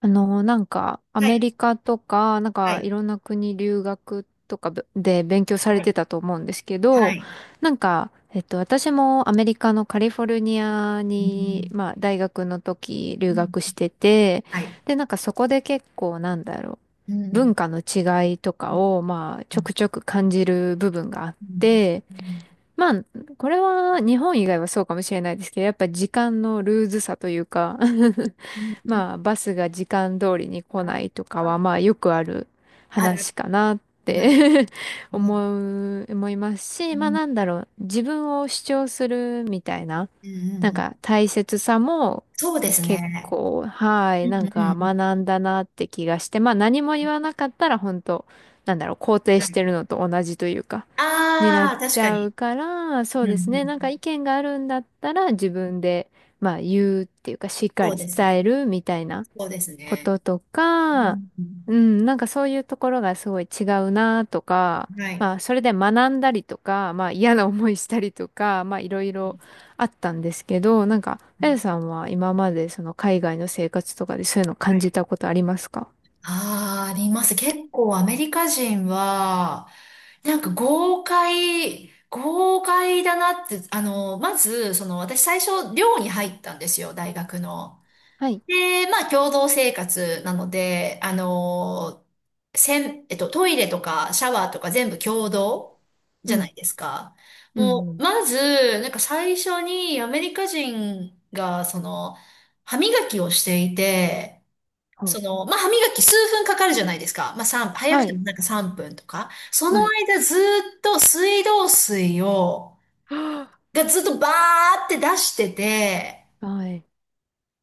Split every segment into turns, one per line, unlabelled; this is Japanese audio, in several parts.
なんか、ア
は
メ
い、
リカとか、なん
は
か、い
い、
ろんな国留学とかぶで勉強され
は
て
い、
たと思うんですけ
は
ど、
い。
なんか、私もアメリカのカリフォルニア
う
に、
ん、
まあ、大学の時留
うん、
学してて、
はい。
で、なんかそこで結構、なんだろ
う
う、
ん、
文化の違いと
う
か
ん、
を、まあ、
う
ちょ
ん、
くちょく感じる部分があっ
うん、
て、
うん、
まあ、これは日本以外はそうかもしれないですけど、やっぱ時間のルーズさというか
うん うん、
まあ、バスが時間通りに来
あ、
ないとかは、まあ、よくある
ある、
話かなっ
はい、
て
うん、
思う、思います
う
し、まあ、
ん、
なんだろう、自分を主張するみたいな、
うん、
なん
うん、
か大切さも
そうです
結
ね。
構、は
う
い、
ん、
なん
うん、
か
う
学んだなって気がして、まあ、何も言わなかったら本当、なんだろう、肯定
ん、は
し
い。
てるのと同じというか、になっ
ああ、確
ち
か
ゃ
に。
うから、そ
う
う
ん、う
ですね。
ん、
なんか意見があるんだったら自分で、まあ言うっていうか、しっか
そう
り
です
伝
ね。
えるみたいな
そうです
こ
ね。
とと
う
か、
ん、うん、
うん、なんかそういうところがすごい違うなとか、
はい。
まあそれで学んだりとか、まあ嫌な思いしたりとか、まあいろい
うん、
ろあったんですけど、なんか、
う
あ
ん、
やさんは今までその海外の生活とかでそういうの
は
感
い。
じたことありますか？
ああ、あります。結構アメリカ人は、なんか豪快、豪快だなって、あの、まず、その私最初寮に入ったんですよ、大学の。
はい。
で、まあ共同生活なので、あの、せん、トイレとかシャワーとか全部共同
う
じゃな
ん。
いですか。
うん
も
う
う、
ん。
まず、なんか最初にアメリカ人が、その、歯磨きをしていて、
ほう
その、まあ、歯磨き数分かかるじゃないですか。まあ、3、早
は
くて
い。
もなんか3分とか。その
はい。
間ずっと水道水を、
は
がずっとバーって出してて、
あはい。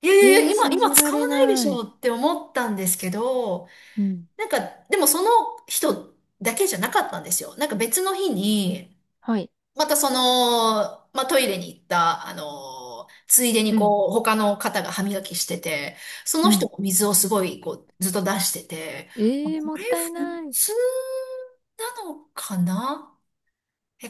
いやいやい
ええ
や、
ー、
今、
信
今
じら
使わ
れ
ないでし
な
ょ
い。
って思ったんですけど、
うん。
なんか、でもその人だけじゃなかったんですよ。なんか別の日に、
はい。
またその、まあ、トイレに行った、あの、ついでに
うん。
こう、他の方が歯磨きしてて、そ
う
の人
ん。
も水をすごい、こう、ずっと出してて、まあ
ええー、
こ
もっ
れ
たい
普
ない。
通なのかな、え、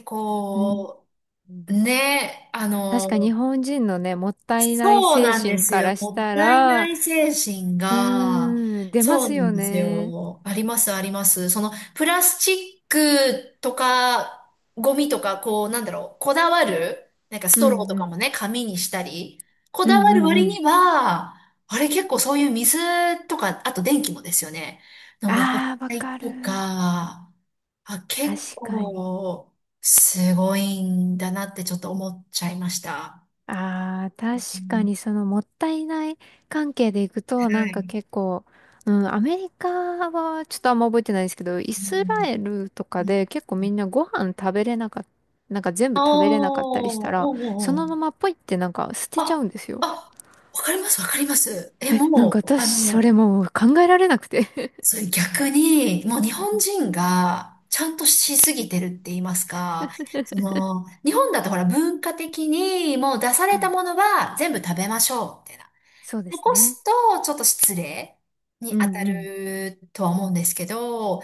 うん。
こ
うん。
う、ね、あ
確か日
の、
本人のね、もったいない
そう
精
なんで
神
す
か
よ。
らし
もっ
た
たいな
ら、
い精神
う
が、
ーん、出ま
そう
す
なん
よ
です
ね。
よ。あります、あります。その、プラスチックとか、ゴミとか、こう、なんだろう、こだわる、なんかス
う
トロ
ん
ーと
う
かも
ん。
ね、紙にしたり、こ
う
だ
ん
わ
う
る
んう
割
ん。
には、あれ結構そういう水とか、あと電気もですよね。の無駄
ああ、わ
遣い
かる。
とか、あ、結
確かに。
構、すごいんだなってちょっと思っちゃいました。
ああ、確
う
か
ん、
にそのもったいない関係でいくと、
は
なんか
い。
結構、うん、アメリカはちょっとあんま覚えてないですけど、イ
う
スラ
ん。
エルとかで結構みんなご飯食べれなかった、なんか全
あ
部
あ、
食べれなかったりした
お
ら、そ
うおう
のま
う。
まポイってなんか捨てちゃう
あ、
んですよ。
あ、わかります、わかります。え、
え、なん
も
か
う、
私
あ
そ
の、
れもう考えられなくて。
それ逆に、もう日
う
本
ん。
人がちゃんとしすぎてるって言いますか、その、日本だとほら文化的にもう出され
は
た
い。
ものは全部食べましょう、みたいな。
そうです
残
ね。
すとちょっと失礼に
う
当
ん
た
うん。
るとは思うんですけど、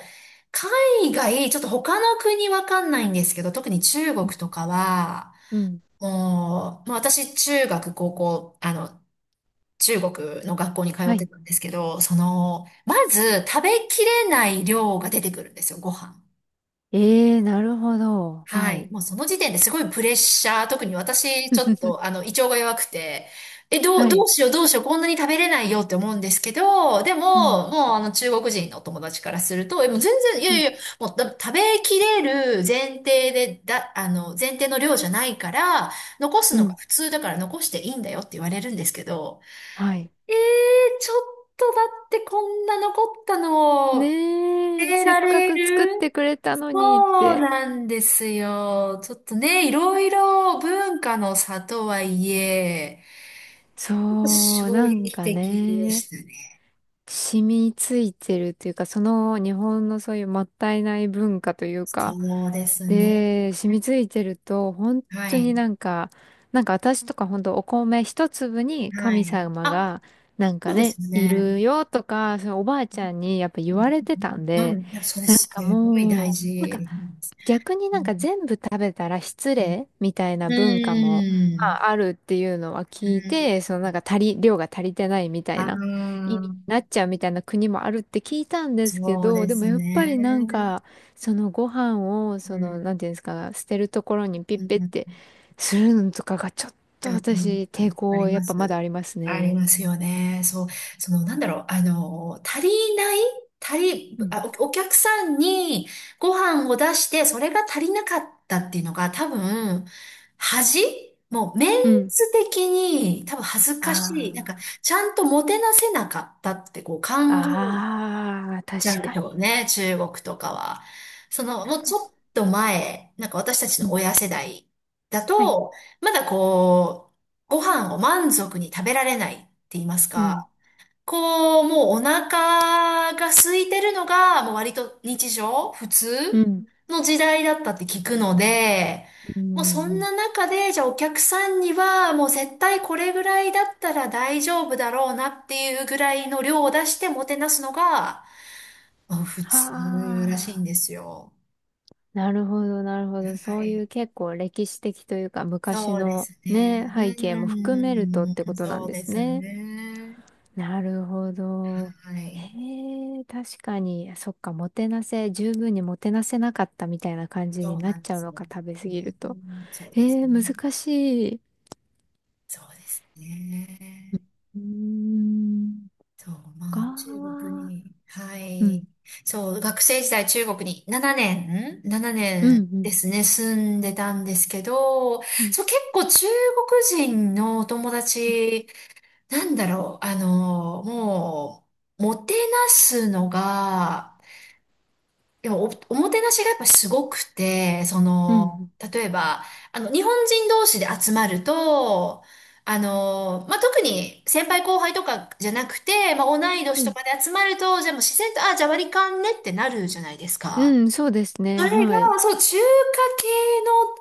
海外、ちょっと他の国わかんないんですけど、特に中
う
国
ん
とかは、
うん。
もう、まあ、私、中学、高校、あの、中国の学校に通
は
って
い。
たんですけど、その、まず食べきれない量が出てくるんですよ、ご飯。
ええー、なるほど。
は
は
い。
い。
もうその時点ですごいプレッシャー。特に私、ちょっと、あ の、胃腸が弱くて、え、どう、
は
ど
い。
うしよう、どうしよう、こんなに食べれないよって思うんですけど、で
うん。
も、もう、あの、中国人のお友達からすると、え、もう全然、い
う
やい
ん。
や、もう、だ食べきれる前提で、だ、あの、前提の量じゃないから、残す
う
のが
ん。
普通だから残していいんだよって言われるんですけど、
はい。
えー、ちょっとだってこんな残ったのを、捨
ねえ、
て
せっ
ら
か
れ
く作って
る、
くれたのにっ
そう
て。
なんですよ。ちょっとね、いろいろ文化の差とはいえ、
そう、
衝
なん
撃
か
的で
ね、
したね。
染みついてるというか、その日本のそういうもったいない文化というか、
そうですね。
で、染みついてると、本
は
当に
い。
なんか、なんか私とか本当お米一粒に
は
神
い。
様
あ、
が、なんか
そうで
ね、
すよ
い
ね。
るよとか、そのおばあちゃんにやっぱ言われてたん
うんう
で、
ん。いや、それ
なん
す
か
ごい
も
大
う、なん
事
か
なんです。
逆に
う
なん
ん
か全部食べたら失礼みたいな
う
文化も、ま
ん。
あ、あるっていうのは
う
聞い
ん。
て、そのなんか量が足りてないみたい
ああ、
な。なっちゃうみたいな国もあるって聞いたんですけ
そう
ど、
で
でも
す
やっぱ
ね。
りなんか、そのご飯を、
う
その、
ん。
なんていうんですか、捨てるところにピッ
う
ペっ
ん
てするのとかがちょっ
う
と
ん、
私、抵
あり
抗やっ
ま
ぱ
す。
まだあります
あり
ね。
ますよね。そう、その、なんだろう、あの、足りない足り、
うん
あ、お、お客さんにご飯を出して、それが足りなかったっていうのが多分、恥、もう、メン
うん。
ツ的に多分恥ずかしい。なんか、
あ
ちゃんともてなせなかったってこう考
あ、ああ、確
ちゃうんでし
か
ょう
に。
ね、中国とかは。その、も
な
う
る
ち
ほ
ょっ
ど。
と前、なんか私たち
う
の
ん
親世代だ
はい。
と、まだこう、ご飯を満足に食べられないって言います
うん。
か、こう、もうお腹が空いてるのが、もう割と日常、普
う
通
ん。
の時代だったって聞くので、
うん。う
もうそ
ん
ん
う
な
ん
中で、じゃあお客さんには、もう絶対これぐらいだったら大丈夫だろうなっていうぐらいの量を出してもてなすのが、あ、普
は
通らしいん
あ。
ですよ。
なるほど、なるほど。
は
そうい
い。
う結構歴史的というか昔
そうで
の
すね。
ね、背景も含めるとって
う
こ
ん、
とな
そ
ん
う
で
で
す
す
ね。
ね。
なるほど。
は
へ
い。
え、確かに、そっか、もてなせ、十分にもてなせなかったみたいな感じ
そ
に
う
な
な
っ
んで
ちゃう
す
の
よ。
か、食べ過
う
ぎると。
ん、そう
え
です
え、
ね。
難しい。
そうですね。
うーん、
そう、ま
か
あ、中国
ー、
に、は
うん、
い。そう、学生時代中国に7年、7
うん、
年
う
で
ん、
すね、住んでたんですけど、
うん、
そう、結構中国人のお友
うん、
達、なんだろう、あの、もう、もてなすのが、でもお、おもてなしがやっぱすごくて、そ
う
の、
ん、
例えば、あの、日本人同士で集まると、あの、まあ、特に先輩後輩とかじゃなくて、まあ、同い年
う
と
ん、
かで集まると、じゃあもう自然と、あ、じゃあ割り勘ねってなるじゃないです
う
か。
んそうです
そ
ね、
れ
はい。
が、そう、中華系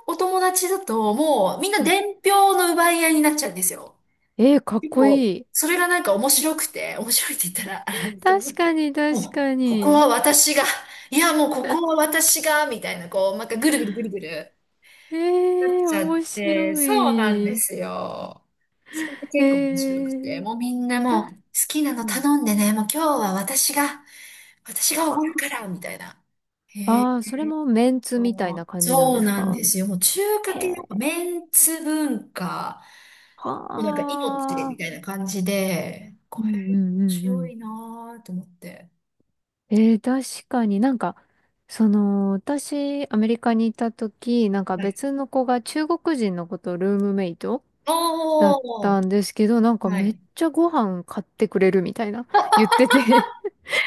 のお友達だと、もうみんな
あ
伝票の奪い合いになっちゃうんですよ。
ええ、かっ
結
こ
構、
いい。
それがなんか面白くて、面白いって言ったらあれなんですけど、
確かに、確
もう、
か
ここ
に。
は私が、いや、もうここは私が、みたいな、こう、なんかぐるぐるぐるぐる
え
なっ
えー、
ちゃっ
面
て、
白
そうなんで
い。
すよ。それで
え
結構面白くて、
えー、
もうみんな
た、
もう、好きなの
うん。
頼んでね、もう今日は私が、私がお
は
ごるか
あ。
ら、みたいな。へえ。
ああ、それもメンツ
あ
みたい
の、
な感じなん
そう
です
なん
か？
ですよ。もう中華
へ
系、や
え、
っぱメンツ文化。なんか
は
命みたいな
あ。
感じで、
う
こ
んう
れ
んうんう
強
ん。
いなーと思って。
えー、確かになんか、その、私、アメリカにいた時、なんか
はい。
別の子が中国人の子とルームメイトだっ
お
た
ー、
んですけど、なんか
は
めっ
い。
ちゃご飯買ってくれるみたいな言ってて、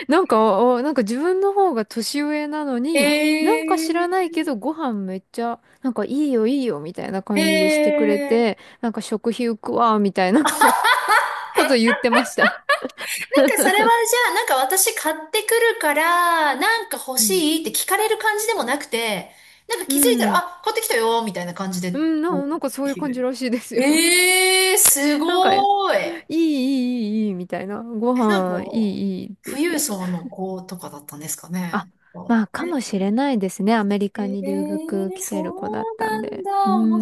なんか、おなんか自分の方が年上なの
え
に、なんか知らない
ー、
けどご飯めっちゃ、なんかいいよいいよみたいな
え
感じでしてくれ
ー、なん
て、なんか食費浮くわみたいな こと言ってました。
かそれはじゃあ、なんか私買ってくるから、なんか欲
うん。
しいって聞かれる感じでもなくて、なんか
う
気づいたら、
ん。
あ、買ってきたよーみたいな感じ
う
で、
ん、な、
こ
なんかそ
う
ういう
来
感じ
る、
らしいですよ。
えー、す
なんか、い
ごーい。
い、いい、いい、いい、みたいな。ご
え、なんか、
飯、いい、いいって言っ
富裕
て。
層の子とかだったんですか
あ、
ね。
まあ、かもしれないですね。アメリ
え
カに留学
え、
来
そ
てる子だっ
う
たん
なん
で。うー
だ。面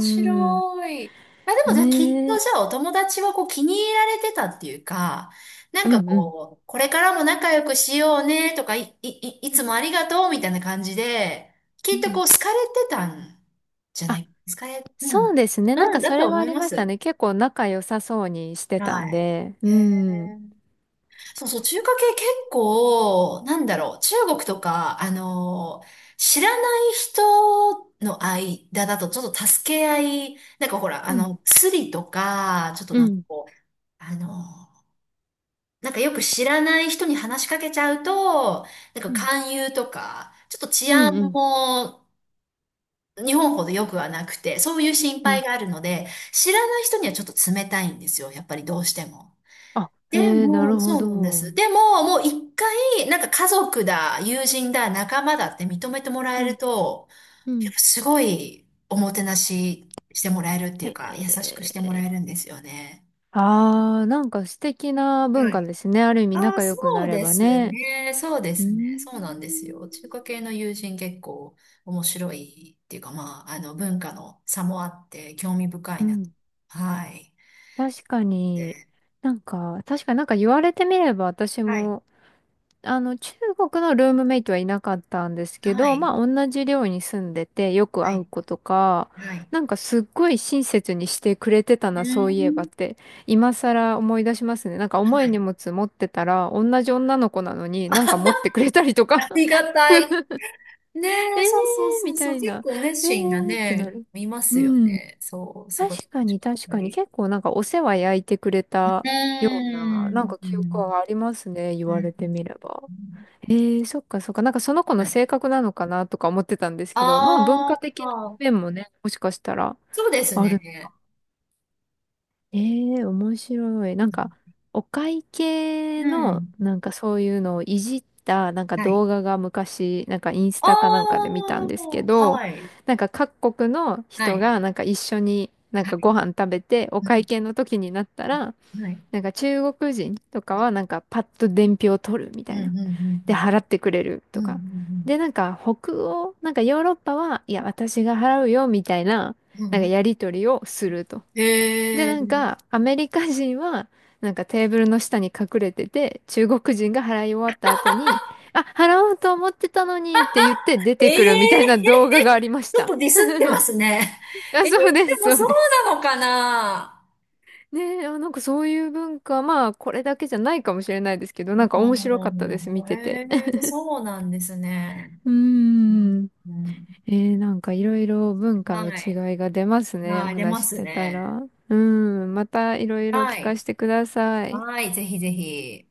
ん。
白い。あ、でもじゃあきっ
ね
と
え。
じゃあお友達はこう気に入られてたっていうか、な
う
んか
ん、うん。
こう、これからも仲良くしようねとか、いい
うん。
つもありがとうみたいな感じで、き
う
っと
ん
こう好かれてたんじゃない、好かれ、うん。
そうですね。なん
うん、
か
だ
そ
と
れは
思
あ
い
り
ま
ました
す。
ね。結構仲良さそうにしてた
は
ん
い。
で。う
へえ。
ん。
そうそう、中華系結構、なんだろう、中国とか、あのー、知らない人の間だとちょっと助け合い、なんかほら、あ
うん。
の、スリとか、ちょっと
う
なんか
ん。
こう、あのー、なんかよく知らない人に話しかけちゃうと、なんか
うん。
勧誘とか、ちょっと治
うん。
安
うん。
も日本ほど良くはなくて、そういう心
う
配
ん。
があるので、知らない人にはちょっと冷たいんですよ、やっぱりどうしても。
あ、
で
へえ、なる
も、
ほ
そうなんで
ど。
す。でも、もう一回、なんか家族だ、友人だ、仲間だって認めてもら
う
え
ん。
ると、
う
や
ん。
っぱすごいおもてなししてもらえるってい
へ
うか、優しくしてもら
え。
えるんですよね。
ああ、なんか素敵な文
は
化
い。
ですね。ある意味
ああ、
仲
そ
良くな
う
れ
で
ば
す
ね。
ね。そうで
うー
すね。
ん。
そうなんですよ。中華系の友人結構面白いっていうか、まあ、あの、文化の差もあって興味深
う
いなと。
ん。
はい。
確かに。
で、
なんか、確かになんか言われてみれば私
はい。
もあの、中国のルームメイトはいなかったんですけ
は
ど、
い。
まあ、同じ寮に住んでて、よく
は
会う
い。
子とか、
はい。
なんかすっごい親切にしてくれてた
う
な、そういえば
ー
っ
ん。
て、今更思い出しますね。なんか
は
重い荷
い。
物持ってたら、同じ女の子なのになんか持ってくれたりとか
り がたい。ね
え
え、そうそう
ー
そ
み
うそ
た
う。
い
結
な、
構熱
え
心が
ーってな
ね、
る。
います
う
よ
ん。
ね。そう、すごい
確か
楽し
に
かっ
確
た
かに、
り。
結構なんかお世話焼いてくれ
う
たような、
ー
なん
ん。
か
う
記憶
ん。
はありますね、言
う
われ
ん、
てみれば。ええそっかそっか。なんかその子の
はい。
性格なのかなとか思ってたんですけど、まあ文
あ
化的な
あ、
面もね、もしかしたら
そうです
ある。
ね。
ええ面白い。なんか、お会計
う
の、
ん。
なんかそういうのをいじった、なんか
はい。
動画が昔、なんかインス
あ
タかなんかで
あ、
見たんですけど、
はい。
なんか各国の
は
人
い。
がなんか一緒になん
は
か
い。
ご飯食べて、お会計の時になったら、
はい。
なんか中国人とかはなんかパッと伝票を取るみ
う
た
ん
い
う
な。
んうん
で、払ってくれる
う
と
ん。うんう
か。で、
ん
なんか北欧、なんかヨーロッパは、いや、私が払うよ、みたいな、
うん。う
なん
んう
か
ん。
やり取りをすると。で、
へえ。
なんかアメリカ人は、なんかテーブルの下に隠れてて、中国人が払い終わった後に、あ、払おうと思ってたのにって言って出て
え
く
え、
るみたいな動画がありま し
ちょっ
た。
とディスってますね。
あ、
えー、で
そうです、
も
そ
そ
う
う
です。
なのかな、
ねえ、あ、なんかそういう文化、まあ、これだけじゃないかもしれないですけど、なんか面白かったです、見
うん、
てて。
へえ、そうなんですね。
うー
うん
ん。
うん、
えー、なんかいろいろ文化の
はい。
違いが出ますね、お
はい、出
話し
ま
し
す
てた
ね。
ら。うん、またいろいろ
は
聞か
い。
せてください。
はい、ぜひぜひ。